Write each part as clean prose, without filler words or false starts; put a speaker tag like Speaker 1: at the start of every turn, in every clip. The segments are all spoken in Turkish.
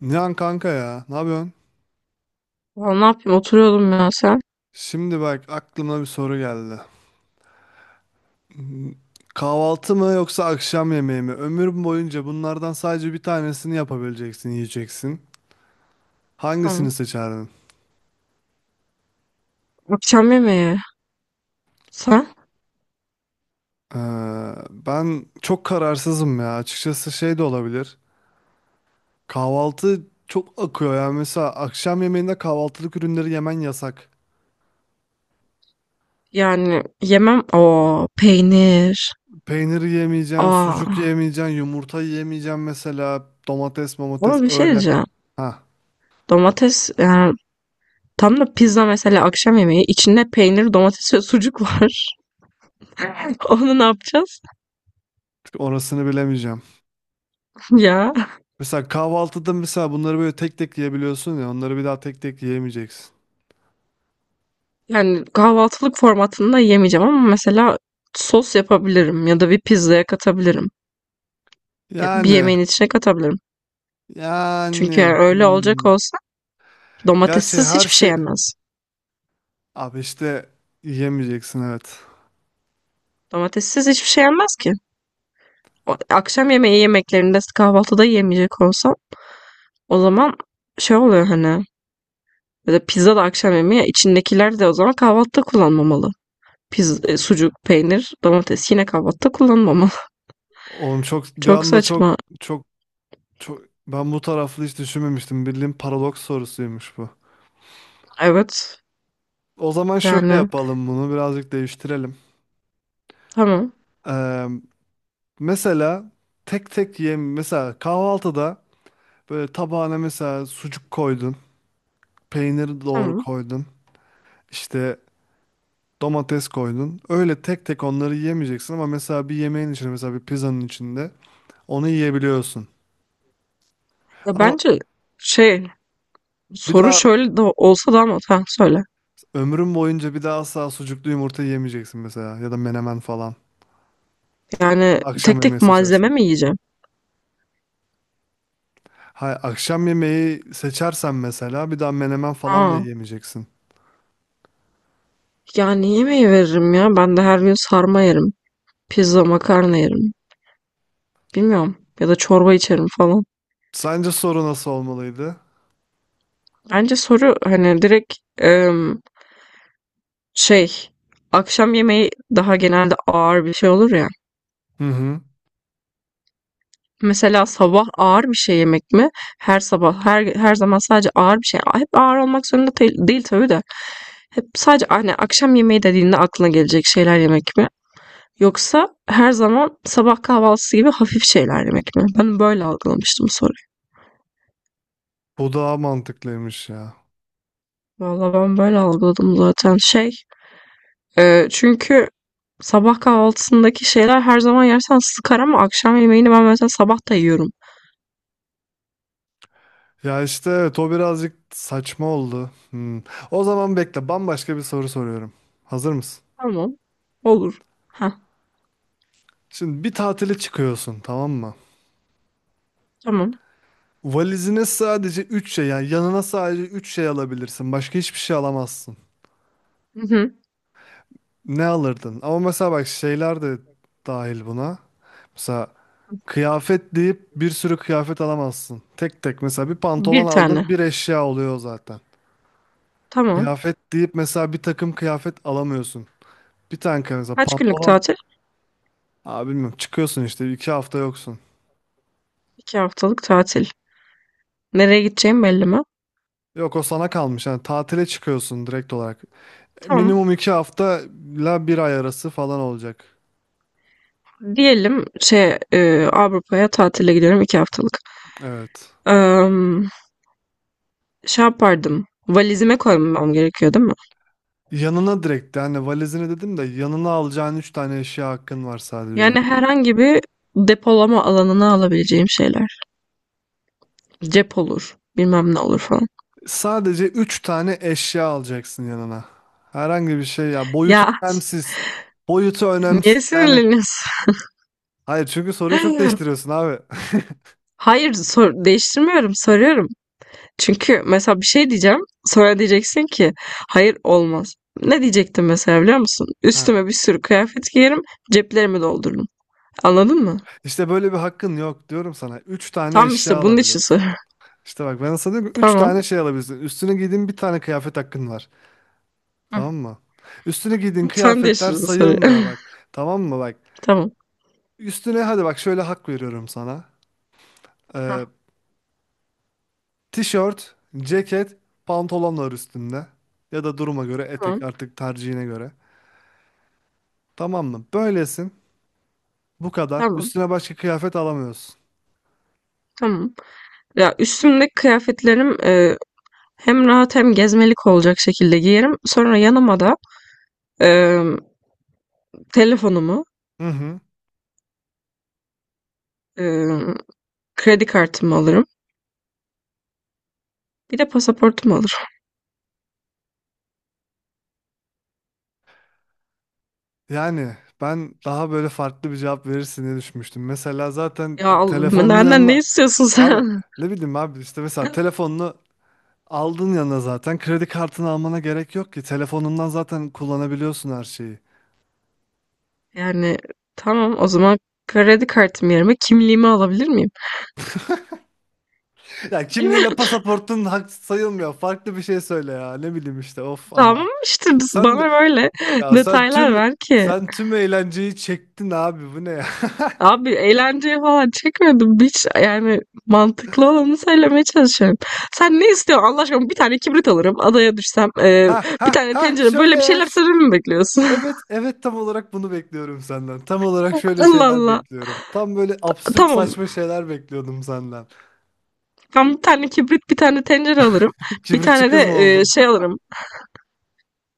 Speaker 1: Nihan kanka ya, ne yapıyorsun?
Speaker 2: Valla ne yapayım oturuyordum ya sen.
Speaker 1: Şimdi bak aklıma bir soru geldi. Kahvaltı mı yoksa akşam yemeği mi? Ömür boyunca bunlardan sadece bir tanesini yapabileceksin, yiyeceksin. Hangisini
Speaker 2: Hı.
Speaker 1: seçerdin?
Speaker 2: Akşam yemeği. Sen?
Speaker 1: Ee, Ben çok kararsızım ya. Açıkçası şey de olabilir. Kahvaltı çok akıyor, yani mesela akşam yemeğinde kahvaltılık ürünleri yemen yasak.
Speaker 2: Yani yemem. O peynir.
Speaker 1: Peynir yemeyeceksin, sucuk
Speaker 2: Aa.
Speaker 1: yemeyeceksin, yumurta yemeyeceksin mesela. Domates
Speaker 2: Ama bir şey
Speaker 1: öyle.
Speaker 2: diyeceğim.
Speaker 1: Ha,
Speaker 2: Domates yani tam da pizza mesela akşam yemeği içinde peynir, domates ve sucuk var. Onu ne yapacağız?
Speaker 1: orasını bilemeyeceğim.
Speaker 2: Ya
Speaker 1: Mesela kahvaltıda mesela bunları böyle tek tek yiyebiliyorsun ya, onları bir daha tek tek yiyemeyeceksin.
Speaker 2: yani kahvaltılık formatında yemeyeceğim ama mesela sos yapabilirim ya da bir pizzaya katabilirim. Ya bir
Speaker 1: Yani
Speaker 2: yemeğin içine katabilirim. Çünkü
Speaker 1: yani
Speaker 2: yani öyle olacak
Speaker 1: hmm.
Speaker 2: olsa
Speaker 1: Gerçi
Speaker 2: domatessiz
Speaker 1: her
Speaker 2: hiçbir şey
Speaker 1: şey
Speaker 2: yenmez.
Speaker 1: abi işte yiyemeyeceksin, evet.
Speaker 2: Domatessiz hiçbir şey yenmez ki. Akşam yemeği yemeklerinde kahvaltıda yemeyecek olsam o zaman şey oluyor hani ya da pizza da akşam yemeği içindekiler de o zaman kahvaltıda kullanmamalı. Sucuk, peynir, domates yine kahvaltıda kullanmamalı.
Speaker 1: Oğlum çok bir
Speaker 2: Çok
Speaker 1: anda
Speaker 2: saçma.
Speaker 1: çok çok ben bu taraflı hiç düşünmemiştim. Bildiğin paradoks sorusuymuş bu.
Speaker 2: Evet.
Speaker 1: O zaman şöyle
Speaker 2: Yani
Speaker 1: yapalım, bunu birazcık değiştirelim.
Speaker 2: tamam.
Speaker 1: Ee, Mesela tek tek yem, mesela kahvaltıda böyle tabağına mesela sucuk koydun, peynir doğru
Speaker 2: Tamam.
Speaker 1: koydun. İşte. Domates koydun. Öyle tek tek onları yiyemeyeceksin ama mesela bir yemeğin içinde, mesela bir pizzanın içinde onu yiyebiliyorsun.
Speaker 2: Ya
Speaker 1: Ama
Speaker 2: bence şey
Speaker 1: bir
Speaker 2: soru
Speaker 1: daha
Speaker 2: şöyle de olsa da ama ha, söyle.
Speaker 1: ömrün boyunca bir daha asla sucuklu yumurta yemeyeceksin mesela, ya da menemen falan.
Speaker 2: Yani
Speaker 1: Akşam
Speaker 2: tek
Speaker 1: yemeği
Speaker 2: tek malzeme
Speaker 1: seçersen.
Speaker 2: mi yiyeceğim?
Speaker 1: Hayır, akşam yemeği seçersen mesela bir daha menemen falan da
Speaker 2: Aa,
Speaker 1: yemeyeceksin.
Speaker 2: yani yemeği veririm ya. Ben de her gün sarma yerim. Pizza, makarna yerim. Bilmiyorum. Ya da çorba içerim falan.
Speaker 1: Sence soru nasıl olmalıydı?
Speaker 2: Bence soru hani direkt şey akşam yemeği daha genelde ağır bir şey olur ya.
Speaker 1: Hı hı.
Speaker 2: Mesela sabah ağır bir şey yemek mi? Her sabah her zaman sadece ağır bir şey. Hep ağır olmak zorunda değil, değil tabii de. Hep sadece hani akşam yemeği dediğinde aklına gelecek şeyler yemek mi? Yoksa her zaman sabah kahvaltısı gibi hafif şeyler yemek mi? Ben böyle algılamıştım soruyu.
Speaker 1: Bu daha mantıklıymış ya.
Speaker 2: Valla ben böyle algıladım zaten. Çünkü sabah kahvaltısındaki şeyler her zaman yersen sıkar ama akşam yemeğini ben mesela sabah da yiyorum.
Speaker 1: Ya işte evet, o birazcık saçma oldu. Hmm. O zaman bekle, bambaşka bir soru soruyorum. Hazır mısın?
Speaker 2: Tamam. Olur. Heh,
Speaker 1: Şimdi bir tatile çıkıyorsun, tamam mı?
Speaker 2: tamam.
Speaker 1: Valizine sadece 3 şey, yani yanına sadece 3 şey alabilirsin. Başka hiçbir şey alamazsın.
Speaker 2: Hı hı.
Speaker 1: Ne alırdın? Ama mesela bak şeyler de dahil buna. Mesela kıyafet deyip bir sürü kıyafet alamazsın. Tek tek mesela bir pantolon
Speaker 2: Bir tane.
Speaker 1: aldın, bir eşya oluyor zaten.
Speaker 2: Tamam.
Speaker 1: Kıyafet deyip mesela bir takım kıyafet alamıyorsun. Bir tane kıyafet mesela
Speaker 2: Kaç günlük
Speaker 1: pantolon.
Speaker 2: tatil?
Speaker 1: Abi bilmiyorum, çıkıyorsun işte iki hafta yoksun.
Speaker 2: İki haftalık tatil. Nereye gideceğim belli mi?
Speaker 1: Yok, o sana kalmış. Yani tatile çıkıyorsun direkt olarak.
Speaker 2: Tamam.
Speaker 1: Minimum iki hafta ile bir ay arası falan olacak.
Speaker 2: Diyelim Avrupa'ya tatile gidiyorum iki haftalık.
Speaker 1: Evet.
Speaker 2: Eee, Yapardım. Valizime koymam gerekiyor değil mi?
Speaker 1: Yanına direkt, yani valizini dedim de yanına alacağın üç tane eşya hakkın var sadece.
Speaker 2: Yani herhangi bir depolama alanına alabileceğim şeyler. Cep olur. Bilmem ne olur falan.
Speaker 1: Sadece üç tane eşya alacaksın yanına. Herhangi bir şey, ya boyutu
Speaker 2: Ya
Speaker 1: önemsiz. Boyutu önemsiz.
Speaker 2: niye
Speaker 1: Yani
Speaker 2: sinirleniyorsun?
Speaker 1: hayır, çünkü soruyu çok değiştiriyorsun abi.
Speaker 2: Hayır, sor değiştirmiyorum, soruyorum. Çünkü mesela bir şey diyeceğim, sonra diyeceksin ki hayır olmaz. Ne diyecektim mesela biliyor musun?
Speaker 1: Ha.
Speaker 2: Üstüme bir sürü kıyafet giyerim, ceplerimi doldururum. Anladın mı?
Speaker 1: İşte böyle bir hakkın yok diyorum sana. Üç tane
Speaker 2: Tam
Speaker 1: eşya
Speaker 2: işte bunun için
Speaker 1: alabiliyorsun.
Speaker 2: soruyorum.
Speaker 1: İşte bak ben sana diyorum ki üç tane
Speaker 2: Tamam.
Speaker 1: şey alabilirsin. Üstüne giydiğin bir tane kıyafet hakkın var.
Speaker 2: Hı.
Speaker 1: Tamam mı? Üstüne giydiğin
Speaker 2: Sen
Speaker 1: kıyafetler
Speaker 2: değiştirdin soruyu.
Speaker 1: sayılmıyor bak. Tamam mı bak?
Speaker 2: Tamam.
Speaker 1: Üstüne hadi bak şöyle hak veriyorum sana. Ee,
Speaker 2: Ha,
Speaker 1: Tişört, ceket, pantolon var üstünde. Ya da duruma göre etek,
Speaker 2: tamam.
Speaker 1: artık tercihine göre. Tamam mı? Böylesin. Bu kadar.
Speaker 2: Tamam.
Speaker 1: Üstüne başka kıyafet alamıyorsun.
Speaker 2: Tamam. Ya üstümdeki kıyafetlerim hem rahat hem gezmelik olacak şekilde giyerim. Sonra yanıma da e, telefonumu,
Speaker 1: Hı hı.
Speaker 2: e, kredi kartımı alırım. Bir de pasaportumu alırım.
Speaker 1: Yani ben daha böyle farklı bir cevap verirsin diye düşünmüştüm. Mesela zaten
Speaker 2: Ya
Speaker 1: telefonun
Speaker 2: benden ne
Speaker 1: yanına...
Speaker 2: istiyorsun
Speaker 1: Abi
Speaker 2: sen?
Speaker 1: ne bileyim abi, işte mesela telefonunu aldın yanına zaten. Kredi kartını almana gerek yok ki. Telefonundan zaten kullanabiliyorsun her şeyi.
Speaker 2: Yani tamam o zaman kredi kartım yerime kimliğimi alabilir miyim?
Speaker 1: Ya kimliğin ve pasaportun hak sayılmıyor. Farklı bir şey söyle ya. Ne bileyim işte. Of ama.
Speaker 2: Tamam işte biz,
Speaker 1: Sen de-
Speaker 2: bana böyle
Speaker 1: ya sen
Speaker 2: detaylar
Speaker 1: tüm
Speaker 2: ver ki.
Speaker 1: sen tüm eğlenceyi çektin abi. Bu ne ya?
Speaker 2: Abi eğlenceye falan çekmedim. Hiç yani mantıklı olanı söylemeye çalışıyorum. Sen ne istiyorsun Allah aşkına? Bir tane kibrit alırım. Adaya düşsem.
Speaker 1: Ha
Speaker 2: Bir
Speaker 1: ha
Speaker 2: tane
Speaker 1: ha
Speaker 2: tencere.
Speaker 1: şöyle
Speaker 2: Böyle bir
Speaker 1: ya.
Speaker 2: şeyler söylememi mi bekliyorsun?
Speaker 1: Evet evet, tam olarak bunu bekliyorum senden. Tam olarak şöyle
Speaker 2: Allah
Speaker 1: şeyler
Speaker 2: Allah.
Speaker 1: bekliyorum. Tam böyle absürt
Speaker 2: Tamam.
Speaker 1: saçma şeyler bekliyordum senden.
Speaker 2: Ben bir tane kibrit, bir tane tencere alırım. Bir
Speaker 1: Kibritçi
Speaker 2: tane de
Speaker 1: kız mı oldun?
Speaker 2: alırım.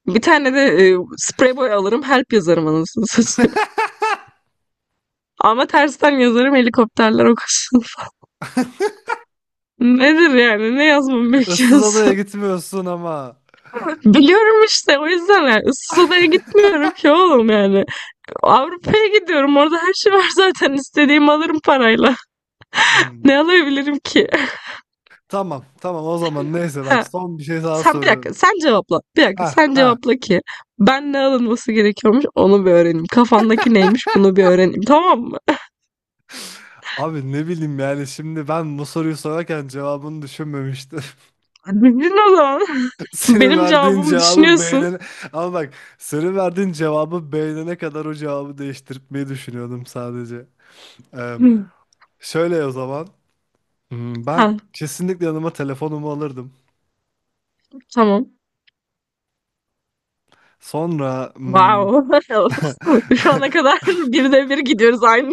Speaker 2: Bir tane de sprey boy alırım. Help yazarım anasını satayım. Ama tersten yazarım helikopterler okusun. Nedir yani? Ne yazmamı
Speaker 1: Issız adaya
Speaker 2: bekliyorsun?
Speaker 1: gitmiyorsun ama.
Speaker 2: Biliyorum işte o yüzden yani ıssız adaya gitmiyorum ki oğlum yani. Avrupa'ya gidiyorum. Orada her şey var zaten. İstediğimi alırım parayla.
Speaker 1: Hmm.
Speaker 2: Ne alabilirim ki?
Speaker 1: Tamam tamam, o zaman neyse bak,
Speaker 2: He,
Speaker 1: son bir şey daha
Speaker 2: Sen bir dakika
Speaker 1: soruyorum.
Speaker 2: sen cevapla. Bir dakika
Speaker 1: Ha
Speaker 2: sen
Speaker 1: ha.
Speaker 2: cevapla ki ben ne alınması gerekiyormuş onu bir öğreneyim. Kafandaki neymiş bunu bir öğreneyim tamam mı?
Speaker 1: Abi ne bileyim, yani şimdi ben bu soruyu sorarken cevabını düşünmemiştim.
Speaker 2: Bildin o zaman.
Speaker 1: Senin
Speaker 2: Benim
Speaker 1: verdiğin
Speaker 2: cevabımı
Speaker 1: cevabı
Speaker 2: düşünüyorsun.
Speaker 1: beğenene... Ama bak senin verdiğin cevabı beğenene kadar o cevabı değiştirmeyi düşünüyordum sadece. Ee,
Speaker 2: Hı.
Speaker 1: Şöyle o zaman. Hmm, ben
Speaker 2: Ha,
Speaker 1: kesinlikle yanıma telefonumu alırdım.
Speaker 2: tamam.
Speaker 1: Sonra hmm,
Speaker 2: Wow. Şu ana kadar bir de bir gidiyoruz aynı.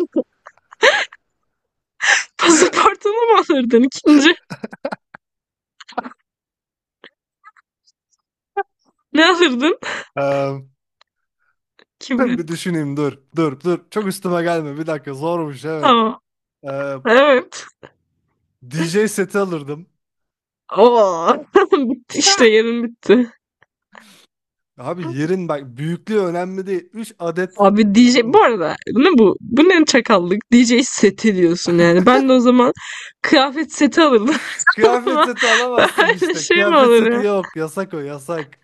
Speaker 2: Pasaportunu mu alırdın ikinci? Ne alırdın?
Speaker 1: Eee, bir
Speaker 2: Kibrit.
Speaker 1: düşüneyim dur. Dur. Çok üstüme gelme. Bir dakika zormuş, evet.
Speaker 2: Tamam.
Speaker 1: Ee,
Speaker 2: Evet.
Speaker 1: DJ seti alırdım.
Speaker 2: Oo. Bitti işte yerin bitti.
Speaker 1: Abi yerin bak, büyüklüğü önemli değil. Üç adet,
Speaker 2: Abi DJ
Speaker 1: anladın mı?
Speaker 2: bu arada ne bu? Bu ne çakallık? DJ seti diyorsun yani. Ben de o zaman kıyafet seti alırdım.
Speaker 1: Kıyafet
Speaker 2: Ama
Speaker 1: seti alamazsın
Speaker 2: öyle
Speaker 1: işte.
Speaker 2: şey mi
Speaker 1: Kıyafet
Speaker 2: olur
Speaker 1: seti
Speaker 2: ya?
Speaker 1: yok. Yasak, o yasak.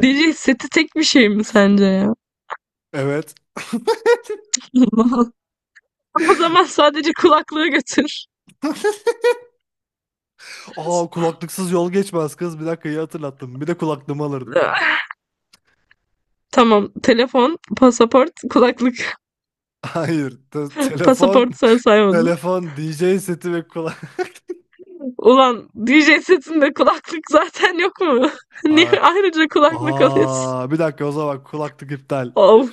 Speaker 2: DJ seti tek bir şey mi sence ya?
Speaker 1: Evet.
Speaker 2: O zaman sadece kulaklığı götür.
Speaker 1: Aa, kulaklıksız yol geçmez kız. Bir dakika, iyi hatırlattım. Bir de kulaklığımı alırdım.
Speaker 2: Tamam. Telefon, pasaport, kulaklık.
Speaker 1: Hayır. Telefon,
Speaker 2: Pasaport sen saymadın.
Speaker 1: telefon, DJ seti ve kulak.
Speaker 2: Ulan DJ setinde kulaklık zaten yok mu? Niye
Speaker 1: Aa,
Speaker 2: ayrıca kulaklık alıyorsun?
Speaker 1: aa, bir dakika, o zaman kulaklık iptal.
Speaker 2: Of.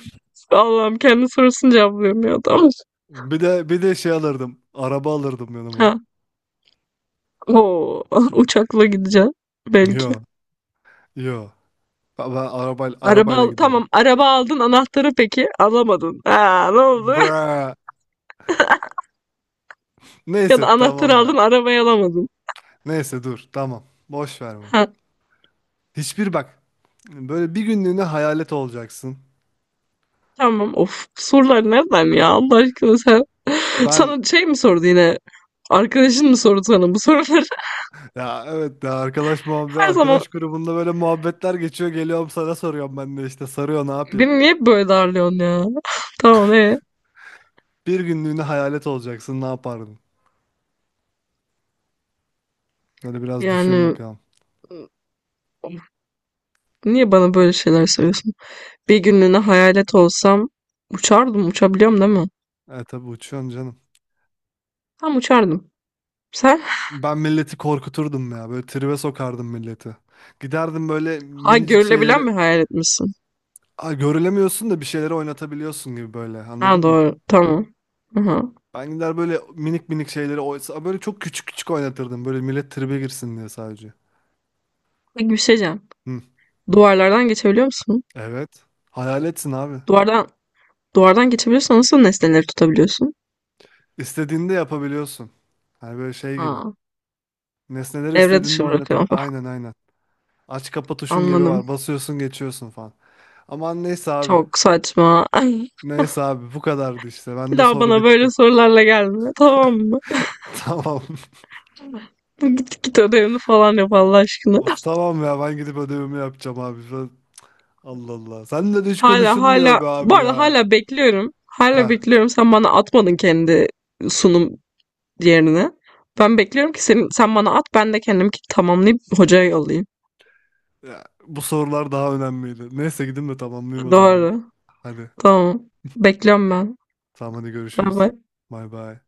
Speaker 2: Allah'ım kendi sorusunu cevaplıyorum ya. Tamam.
Speaker 1: Bir de şey alırdım. Araba alırdım yanıma.
Speaker 2: Ha. Oo, uçakla gideceğim belki.
Speaker 1: Yo, yo. Ben araba
Speaker 2: Araba
Speaker 1: arabayla
Speaker 2: al
Speaker 1: gidiyorum.
Speaker 2: tamam araba aldın anahtarı peki alamadın. Ha, ne oldu?
Speaker 1: Bra.
Speaker 2: Ya da
Speaker 1: Neyse
Speaker 2: anahtarı
Speaker 1: tamam
Speaker 2: aldın
Speaker 1: ya.
Speaker 2: arabayı alamadın.
Speaker 1: Neyse dur tamam. Boş ver bunu.
Speaker 2: Ha,
Speaker 1: Hiçbir bak. Böyle bir günlüğüne hayalet olacaksın.
Speaker 2: tamam of sorular nereden ya Allah aşkına sen.
Speaker 1: Ben
Speaker 2: Sana şey mi sordu yine? Arkadaşın mı sordu sana bu soruları?
Speaker 1: ya evet ya, arkadaş muhabbet,
Speaker 2: Her zaman
Speaker 1: arkadaş grubunda böyle muhabbetler geçiyor, geliyorum sana soruyorum, ben de işte sarıyor, ne yapayım.
Speaker 2: beni niye böyle darlıyorsun ya? Tamam e.
Speaker 1: Bir günlüğüne hayalet olacaksın, ne yapardın? Hadi biraz düşün
Speaker 2: Yani
Speaker 1: bakalım.
Speaker 2: of, niye bana böyle şeyler söylüyorsun? Bir günlüğüne hayalet olsam uçardım uçabiliyorum değil mi?
Speaker 1: E tabi uçuyorsun canım.
Speaker 2: Tam uçardım. Sen?
Speaker 1: Ben milleti korkuturdum ya, böyle tribe sokardım milleti. Giderdim böyle
Speaker 2: Ha,
Speaker 1: minicik
Speaker 2: görülebilen
Speaker 1: şeyleri.
Speaker 2: mi hayal etmişsin?
Speaker 1: Aa, görülemiyorsun da bir şeyleri oynatabiliyorsun gibi böyle, anladın
Speaker 2: Ha
Speaker 1: mı?
Speaker 2: doğru. Tamam. Aha.
Speaker 1: Ben gider böyle minik minik şeyleri oysa böyle çok küçük küçük oynatırdım. Böyle millet tribe girsin diye sadece.
Speaker 2: Peki bir şey diyeceğim.
Speaker 1: Hı.
Speaker 2: Duvarlardan geçebiliyor musun?
Speaker 1: Evet. Hayaletsin abi.
Speaker 2: Duvardan duvardan geçebiliyorsan nasıl nesneleri tutabiliyorsun?
Speaker 1: İstediğini de yapabiliyorsun. Hani böyle şey gibi.
Speaker 2: Ha.
Speaker 1: Nesneleri
Speaker 2: Evre dışı
Speaker 1: istediğinde de
Speaker 2: bırakıyorum.
Speaker 1: aynen. Aç kapa tuşun gibi
Speaker 2: Anladım.
Speaker 1: var. Basıyorsun geçiyorsun falan. Aman neyse abi.
Speaker 2: Çok saçma. Ay,
Speaker 1: Neyse abi bu kadardı işte.
Speaker 2: bir
Speaker 1: Bende
Speaker 2: daha
Speaker 1: soru
Speaker 2: bana böyle
Speaker 1: bitti.
Speaker 2: sorularla gelme. Tamam mı?
Speaker 1: Tamam.
Speaker 2: Bu git ödevini falan yap Allah aşkına.
Speaker 1: Of tamam ya, ben gidip ödevimi yapacağım abi. Allah Allah. Seninle de hiç
Speaker 2: Hala
Speaker 1: konuşulmuyor
Speaker 2: hala
Speaker 1: be
Speaker 2: bu
Speaker 1: abi
Speaker 2: arada
Speaker 1: ya.
Speaker 2: hala bekliyorum. Hala
Speaker 1: Ha.
Speaker 2: bekliyorum. Sen bana atmadın kendi sunum diğerini. Ben bekliyorum ki senin, sen bana at ben de kendimki tamamlayıp hocaya yollayayım.
Speaker 1: Ya, bu sorular daha önemliydi. Neyse gidin de tamamlayayım o zaman.
Speaker 2: Doğru.
Speaker 1: Hadi.
Speaker 2: Tamam. Bekliyorum ben.
Speaker 1: Tamam hadi
Speaker 2: Bay
Speaker 1: görüşürüz.
Speaker 2: bay.
Speaker 1: Bay bay.